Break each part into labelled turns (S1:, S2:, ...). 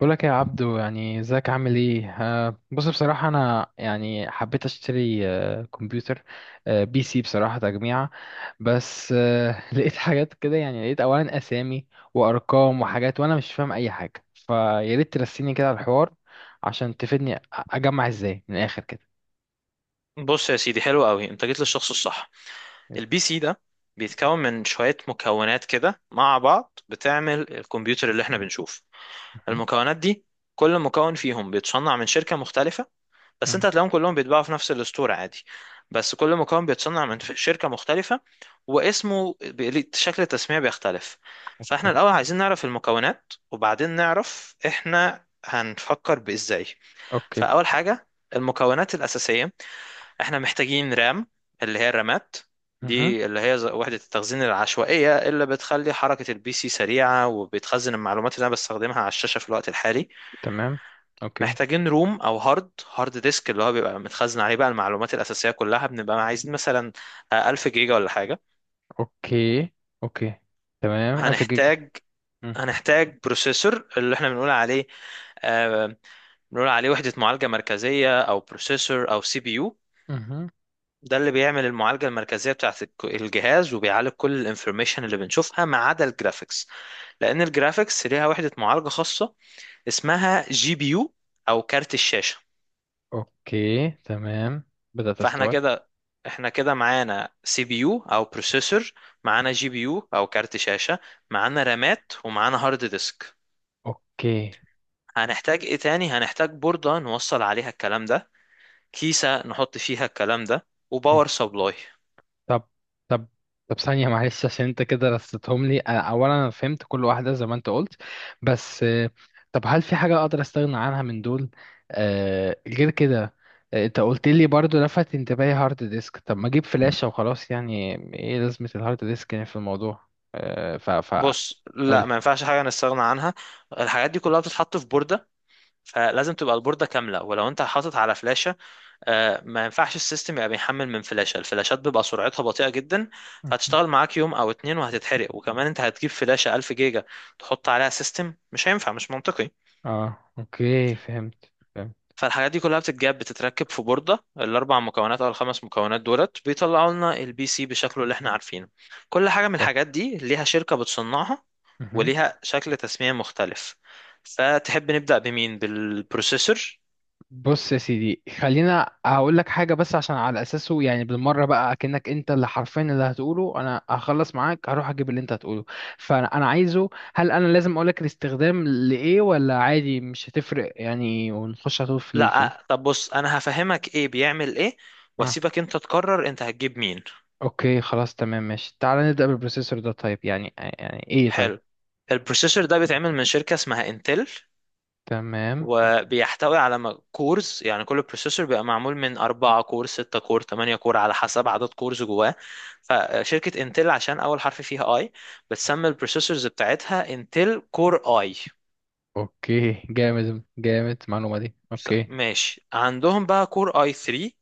S1: بقولك يا عبدو، يعني ازيك عامل ايه؟ بص، بصراحة انا يعني حبيت اشتري كمبيوتر بي سي، بصراحة تجميعة. بس لقيت حاجات كده، يعني لقيت اولا اسامي وارقام وحاجات، وانا مش فاهم اي حاجة. فيا ريت ترسيني كده على الحوار عشان تفيدني، اجمع ازاي من الاخر كده.
S2: بص يا سيدي، حلو قوي انت جيت للشخص الصح. البي سي ده بيتكون من شوية مكونات كده مع بعض بتعمل الكمبيوتر اللي احنا بنشوف.
S1: مهم.
S2: المكونات دي كل مكون فيهم بيتصنع من شركة مختلفة، بس
S1: مهم.
S2: انت هتلاقيهم كلهم بيتباعوا في نفس الستور عادي. بس كل مكون بيتصنع من شركة مختلفة، واسمه شكل التسمية بيختلف. فاحنا
S1: اوكي.
S2: الأول عايزين نعرف المكونات، وبعدين نعرف احنا هنفكر بإزاي.
S1: اوكي.
S2: فأول حاجة المكونات الأساسية، احنا محتاجين رام، اللي هي الرامات،
S1: مهم.
S2: دي اللي هي وحدة التخزين العشوائية اللي بتخلي حركة البي سي سريعة وبتخزن المعلومات اللي انا بستخدمها على الشاشة في الوقت الحالي.
S1: تمام. اوكي.
S2: محتاجين روم او هارد، هارد ديسك، اللي هو بيبقى متخزن عليه بقى المعلومات الأساسية كلها، بنبقى عايزين مثلا 1000 جيجا ولا حاجة.
S1: اوكي. اوكي. تمام، 1000 جيجا.
S2: هنحتاج هنحتاج بروسيسور اللي احنا بنقول عليه، آه، بنقول عليه وحدة معالجة مركزية او بروسيسور او سي بي يو.
S1: مم.
S2: ده اللي بيعمل المعالجة المركزية بتاعت الجهاز، وبيعالج كل الانفورميشن اللي بنشوفها ما عدا الجرافيكس، لأن الجرافيكس ليها وحدة معالجة خاصة اسمها جي بي يو أو كارت الشاشة.
S1: اوكي تمام، بدأت
S2: فاحنا
S1: استوعب.
S2: كده، احنا كده معانا سي بي يو أو بروسيسور، معانا جي بي يو أو كارت شاشة، معانا رامات، ومعانا هارد ديسك.
S1: اوكي.
S2: هنحتاج ايه تاني؟ هنحتاج بوردة نوصل عليها الكلام ده، كيسة نحط فيها الكلام ده،
S1: م.
S2: وباور سبلاي.
S1: طب طب طب ثانية، معلش، عشان انت كده رصيتهم لي. اولا انا فهمت كل واحدة زي ما انت قلت، بس طب هل في حاجة اقدر استغنى عنها من دول؟ غير كده، انت قلت لي برضو لفت انتباهي هارد ديسك، طب ما اجيب فلاشة وخلاص، يعني ايه لازمة الهارد ديسك يعني في الموضوع؟ آه ف ف
S2: بص
S1: قولي.
S2: لا، ما ينفعش حاجة نستغنى عنها. الحاجات دي كلها بتتحط في بوردة، فلازم تبقى البوردة كاملة. ولو انت حاطط على فلاشة، ما ينفعش السيستم يبقى بيحمل من فلاشة. الفلاشات بيبقى سرعتها بطيئة جدا،
S1: م.
S2: فهتشتغل معاك يوم او اتنين وهتتحرق. وكمان انت هتجيب فلاشة 1000 جيجا تحط عليها سيستم؟ مش هينفع، مش منطقي.
S1: اه اوكي، فهمت فهمت.
S2: فالحاجات دي كلها بتتجاب بتتركب في بوردة، الأربع مكونات أو الخمس مكونات دولت بيطلعوا لنا البي سي بشكله اللي احنا عارفينه. كل حاجة من الحاجات دي ليها شركة بتصنعها
S1: طيب،
S2: وليها شكل تسمية مختلف. فتحب نبدأ بمين؟ بالبروسيسور؟
S1: بص يا سيدي، خلينا هقول لك حاجة بس عشان على أساسه، يعني بالمرة بقى أكنك أنت اللي حرفيا اللي هتقوله أنا هخلص معاك هروح أجيب اللي أنت هتقوله. فأنا أنا عايزه، هل أنا لازم أقول لك الاستخدام لإيه ولا عادي مش هتفرق يعني، ونخش على طول في ال...
S2: لا طب، بص انا هفهمك ايه بيعمل ايه،
S1: آه.
S2: واسيبك انت تقرر انت هتجيب مين.
S1: أوكي خلاص، تمام ماشي. تعالى نبدأ بالبروسيسور ده، طيب يعني إيه طيب؟
S2: حلو. البروسيسور ده بيتعمل من شركة اسمها انتل،
S1: تمام.
S2: وبيحتوي على كورز. يعني كل بروسيسور بيبقى معمول من أربعة كور، ستة كور، تمانية كور، على حسب عدد كورز جواه. فشركة انتل، عشان أول حرف فيها اي، بتسمي البروسيسورز بتاعتها انتل كور اي.
S1: أوكي، جامد جامد المعلومة دي، أوكي.
S2: ماشي. عندهم بقى كور اي 3،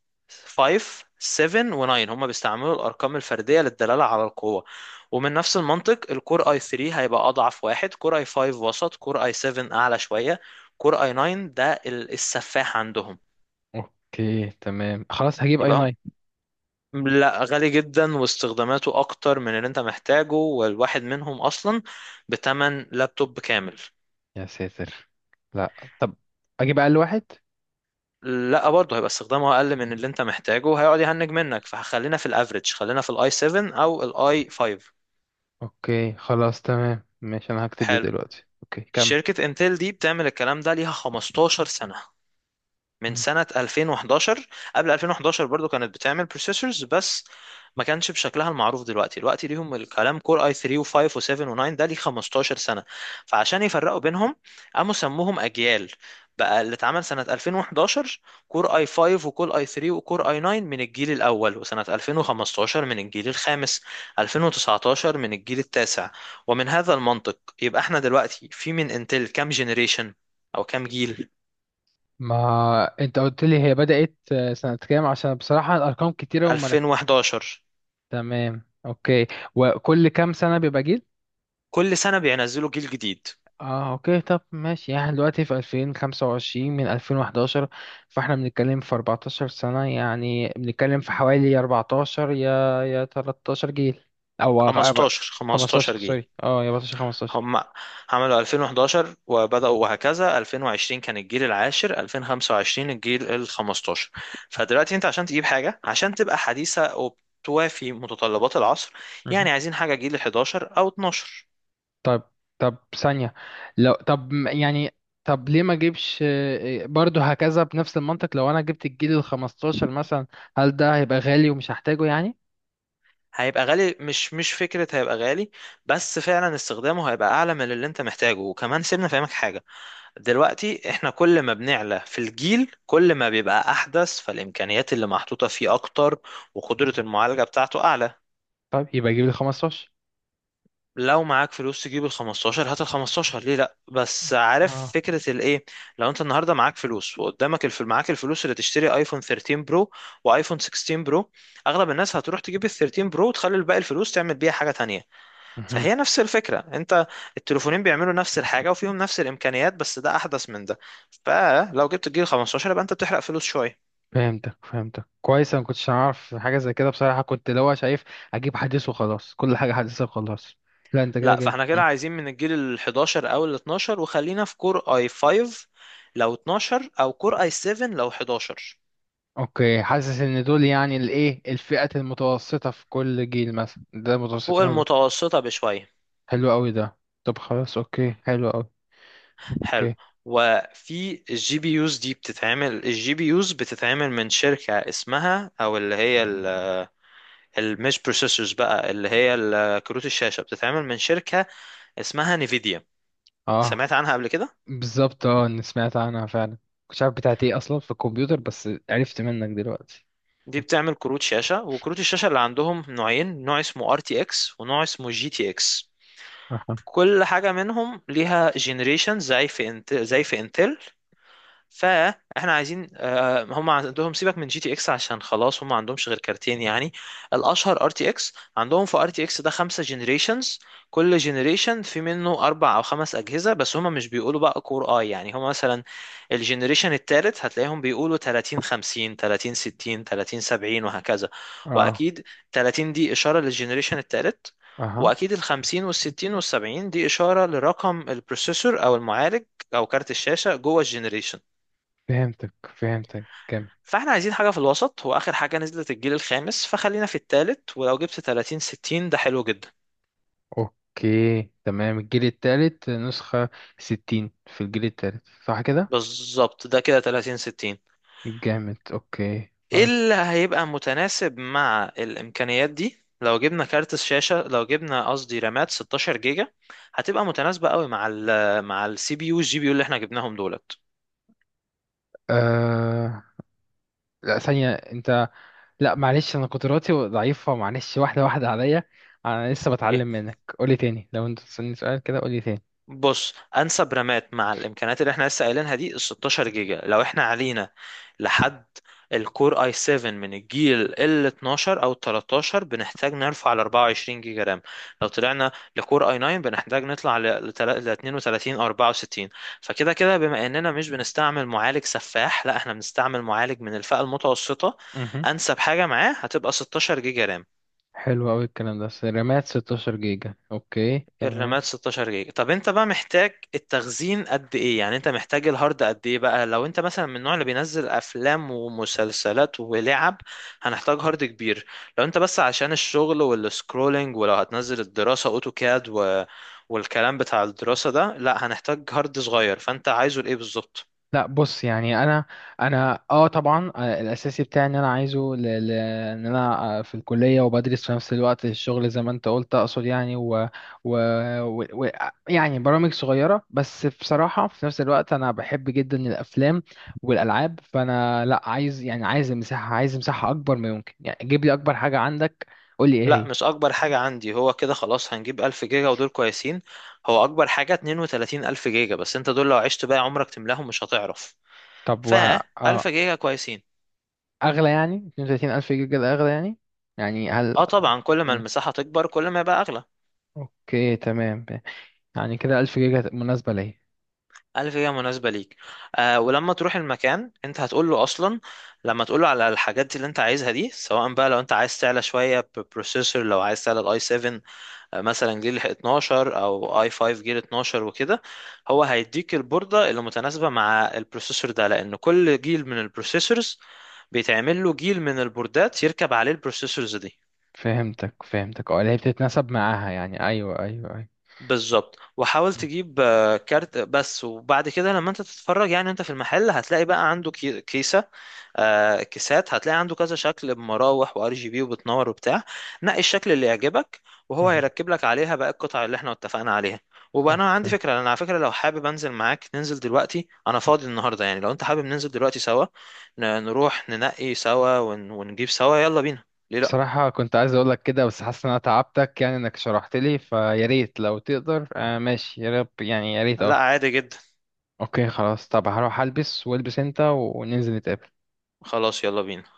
S2: 5، 7 و9. هما بيستعملوا الارقام الفرديه للدلاله على القوه، ومن نفس المنطق الكور اي 3 هيبقى اضعف واحد، كور اي 5 وسط، كور اي 7 اعلى شويه، كور اي 9 ده السفاح عندهم.
S1: أوكي تمام، خلاص هجيب أي
S2: يبقى
S1: 9.
S2: هم، لا، غالي جدا واستخداماته اكتر من اللي انت محتاجه، والواحد منهم اصلا بتمن لابتوب كامل.
S1: يا ساتر. لا طب، اجيب اقل واحد.
S2: لا برضه هيبقى استخدامه اقل من اللي انت محتاجه، هيقعد يهنج منك. فخلينا في الافريج، خلينا في الاي 7 او الاي 5.
S1: اوكي خلاص، تمام ماشي، انا هكتب ده
S2: حلو.
S1: دلوقتي. اوكي، كمل.
S2: شركة انتل دي بتعمل الكلام ده ليها 15 سنة، من
S1: مم.
S2: سنة 2011. قبل 2011 برضو كانت بتعمل بروسيسورز، بس ما كانش بشكلها المعروف دلوقتي. دلوقتي ليهم الكلام كور اي 3 و5 و7 و9، ده ليه 15 سنة، فعشان يفرقوا بينهم قاموا سموهم أجيال. بقى اللي اتعمل سنة 2011 كور اي 5 وكور اي 3 وكور اي 9 من الجيل الأول، وسنة 2015 من الجيل الخامس، 2019 من الجيل التاسع. ومن هذا المنطق يبقى احنا دلوقتي في من انتل كام جنريشن أو كام جيل؟
S1: ما انت قلت لي هي بدأت سنة كام؟ عشان بصراحة الارقام كتيرة،
S2: 2011،
S1: تمام اوكي. وكل كام سنة بيبقى جيل؟
S2: كل سنة بينزلوا جيل جديد،
S1: اه اوكي، طب ماشي، يعني إحنا دلوقتي في 2025، من 2011 فاحنا بنتكلم في 14 سنة، يعني بنتكلم في حوالي 14 يا 13 جيل، او
S2: 15، 15
S1: 15.
S2: جيل.
S1: سوري، اه، يا 14، 15.
S2: هم عملوا 2011 وبدأوا وهكذا، 2020 كان الجيل العاشر، 2025 الجيل ال 15.
S1: اوكي.
S2: فدلوقتي انت عشان تجيب حاجة عشان تبقى حديثة وبتوافي متطلبات العصر، يعني
S1: مهم.
S2: عايزين حاجة جيل 11 أو 12.
S1: طب طب ثانية، لو طب يعني، طب ليه ما اجيبش برضه هكذا بنفس المنطق؟ لو انا جبت الجيل ال 15 مثلا، هل ده هيبقى غالي ومش هحتاجه يعني؟
S2: هيبقى غالي، مش فكرة هيبقى غالي، بس فعلا استخدامه هيبقى أعلى من اللي انت محتاجه. وكمان سيبنا فاهمك حاجة، دلوقتي احنا كل ما بنعلى في الجيل كل ما بيبقى احدث، فالامكانيات اللي محطوطة فيه اكتر، وقدرة المعالجة بتاعته اعلى.
S1: طيب يبقى اجيب ال 15.
S2: لو معاك فلوس تجيب ال 15 هات ال 15، ليه لا؟ بس عارف
S1: اه.
S2: فكرة الايه، لو انت النهاردة معاك فلوس وقدامك معاك الفلوس اللي تشتري ايفون 13 برو وايفون 16 برو، اغلب الناس هتروح تجيب ال 13 برو وتخلي الباقي الفلوس تعمل بيها حاجة تانية.
S1: مهم.
S2: فهي نفس الفكرة، انت التليفونين بيعملوا نفس الحاجة وفيهم نفس الامكانيات، بس ده احدث من ده. فلو جبت الجيل 15 يبقى انت بتحرق فلوس شوية.
S1: فهمتك فهمتك كويس، انا ما كنتش اعرف حاجة زي كده بصراحة، كنت اللي هو شايف اجيب حديث وخلاص، كل حاجة حديثة وخلاص. لا، انت كده
S2: لا،
S1: جاي.
S2: فاحنا كده
S1: مم.
S2: عايزين من الجيل ال 11 او ال 12، وخلينا في كور اي 5 لو 12، او كور اي 7 لو 11.
S1: اوكي، حاسس ان دول يعني الايه الفئة المتوسطة في كل جيل، مثلا ده
S2: فوق
S1: متوسطين؟
S2: المتوسطة بشوية.
S1: حلو قوي ده. طب خلاص، اوكي، حلو قوي.
S2: حلو.
S1: اوكي.
S2: وفي الجي بي يوز دي بتتعمل الجي بي يوز بتتعمل من شركة اسمها او اللي هي المش بروسيسورز بقى، اللي هي كروت الشاشة، بتتعمل من شركة اسمها نيفيديا.
S1: اه
S2: سمعت عنها قبل كده؟
S1: بالظبط، اه انا سمعت عنها فعلا، مش عارف بتاعت ايه اصلا في الكمبيوتر بس عرفت منك دلوقتي.
S2: دي بتعمل كروت شاشة، وكروت الشاشة اللي عندهم نوعين، نوع اسمه RTX ونوع اسمه GTX.
S1: اها.
S2: كل حاجة منهم ليها جنريشن زي في زي في انتل. فاحنا عايزين، هم عندهم سيبك من جي تي اكس عشان خلاص هم ما عندهمش غير كارتين يعني، الاشهر ار تي اكس. عندهم في ار تي اكس ده خمسة جنريشنز، كل جنريشن في منه اربع او خمس اجهزه، بس هم مش بيقولوا بقى كور اي، يعني هم مثلا الجنريشن التالت هتلاقيهم بيقولوا 30 50، 30 60، 30 70 وهكذا.
S1: اه.
S2: واكيد 30 دي اشاره للجنريشن التالت،
S1: اها.
S2: واكيد ال 50 وال 60 وال 70 دي اشاره لرقم البروسيسور او المعالج او كارت الشاشه جوه الجنريشن.
S1: فهمتك فهمتك كامل.
S2: فاحنا عايزين حاجة في الوسط، واخر حاجة نزلت الجيل الخامس فخلينا في التالت، ولو جبت 30 60 ده حلو جدا.
S1: اوكي تمام، الجيل التالت نسخة ستين، في الجيل التالت، صح كده؟
S2: بالظبط، ده كده 30 60.
S1: جامد، اوكي
S2: ايه
S1: خلاص.
S2: اللي هيبقى متناسب مع الامكانيات دي؟ لو جبنا كارت الشاشة لو جبنا قصدي رامات 16 جيجا، هتبقى متناسبة قوي مع مع السي بي يو والجي بي يو اللي احنا جبناهم دولت.
S1: آه... لا ثانية انت، لا معلش انا قدراتي ضعيفة، معلش، واحدة واحدة عليا. انا لسه
S2: إيه؟
S1: بتعلم منك، قولي تاني، لو انت تسألني سؤال كده قولي تاني.
S2: بص، انسب رامات مع الامكانيات اللي احنا لسه قايلينها دي ال 16 جيجا. لو احنا علينا لحد الكور اي 7 من الجيل ال 12 او 13، بنحتاج نرفع ل 24 جيجا رام. لو طلعنا لكور اي 9 بنحتاج نطلع ل 32 او 64. فكده كده بما اننا مش بنستعمل معالج سفاح، لا، احنا بنستعمل معالج من الفئة المتوسطة،
S1: امم
S2: انسب حاجة معاه هتبقى 16 جيجا رام.
S1: حلو قوي الكلام ده، رامات 16 جيجا، اوكي تمام.
S2: الرامات 16 جيجا. طب انت بقى محتاج التخزين قد ايه؟ يعني انت محتاج الهارد قد ايه بقى؟ لو انت مثلا من النوع اللي بينزل افلام ومسلسلات ولعب هنحتاج هارد كبير. لو انت بس عشان الشغل والسكرولينج، ولو هتنزل الدراسة اوتوكاد و... والكلام بتاع الدراسة ده، لا هنحتاج هارد صغير. فانت عايزه لايه بالظبط؟
S1: لا بص، يعني انا اه طبعا، الاساسي بتاعي ان انا عايزه ان انا في الكليه وبدرس في نفس الوقت الشغل زي ما انت قلت، اقصد يعني و... و... و... يعني برامج صغيره بس بصراحه. في نفس الوقت انا بحب جدا الافلام والالعاب، فانا لا، عايز يعني، عايز مساحه اكبر ما يمكن، يعني جيب لي اكبر حاجه عندك، قول لي ايه
S2: لا
S1: هي.
S2: مش اكبر حاجة عندي، هو كده خلاص هنجيب 1000 جيجا ودول كويسين. هو اكبر حاجة 32000 جيجا، بس انت دول لو عشت بقى عمرك تملاهم مش هتعرف.
S1: طب
S2: فألف
S1: اه،
S2: جيجا كويسين.
S1: اغلى يعني؟ 32,000 جيجا ده اغلى يعني؟ يعني هل؟
S2: اه طبعا، كل ما
S1: مم.
S2: المساحة تكبر كل ما يبقى أغلى.
S1: اوكي تمام. يعني كده ألف جيجا مناسبة ليه؟
S2: ألف جيجا مناسبة ليك. آه، ولما تروح المكان انت هتقول له أصلا، لما تقول له على الحاجات اللي انت عايزها دي، سواء بقى لو انت عايز تعلى شوية بروسيسور، لو عايز تعلى الاي 7، مثلا جيل 12 او اي 5 جيل 12 وكده، هو هيديك البوردة اللي متناسبة مع البروسيسور ده، لأن كل جيل من البروسيسورز بيتعمل له جيل من البوردات يركب عليه البروسيسورز دي.
S1: فهمتك فهمتك، اه، اللي هي بتتناسب معاها يعني، أيوة أيوة أيوة.
S2: بالظبط. وحاول تجيب، كارت بس، وبعد كده لما انت تتفرج، يعني انت في المحل هتلاقي بقى عنده كيسة، كيسات، هتلاقي عنده كذا شكل بمراوح وار جي بي وبتنور وبتاع، نقي الشكل اللي يعجبك وهو
S1: مهم.
S2: هيركب لك عليها بقى القطع اللي احنا اتفقنا عليها. وبقى انا عندي
S1: أوكي.
S2: فكرة، انا على فكرة لو حابب انزل معاك ننزل دلوقتي، انا فاضي النهاردة يعني، لو انت حابب ننزل دلوقتي سوا، نروح ننقي سوا ونجيب سوا، يلا بينا. ليه لا؟
S1: بصراحة كنت عايز أقولك كده، بس حاسس إن أنا تعبتك، يعني إنك شرحت لي، فيا ريت لو تقدر. ماشي، يا رب، يعني يا ريت،
S2: لا
S1: أه.
S2: عادي جدا.
S1: أوكي خلاص، طب هروح ألبس والبس أنت وننزل نتقابل.
S2: خلاص يلا بينا.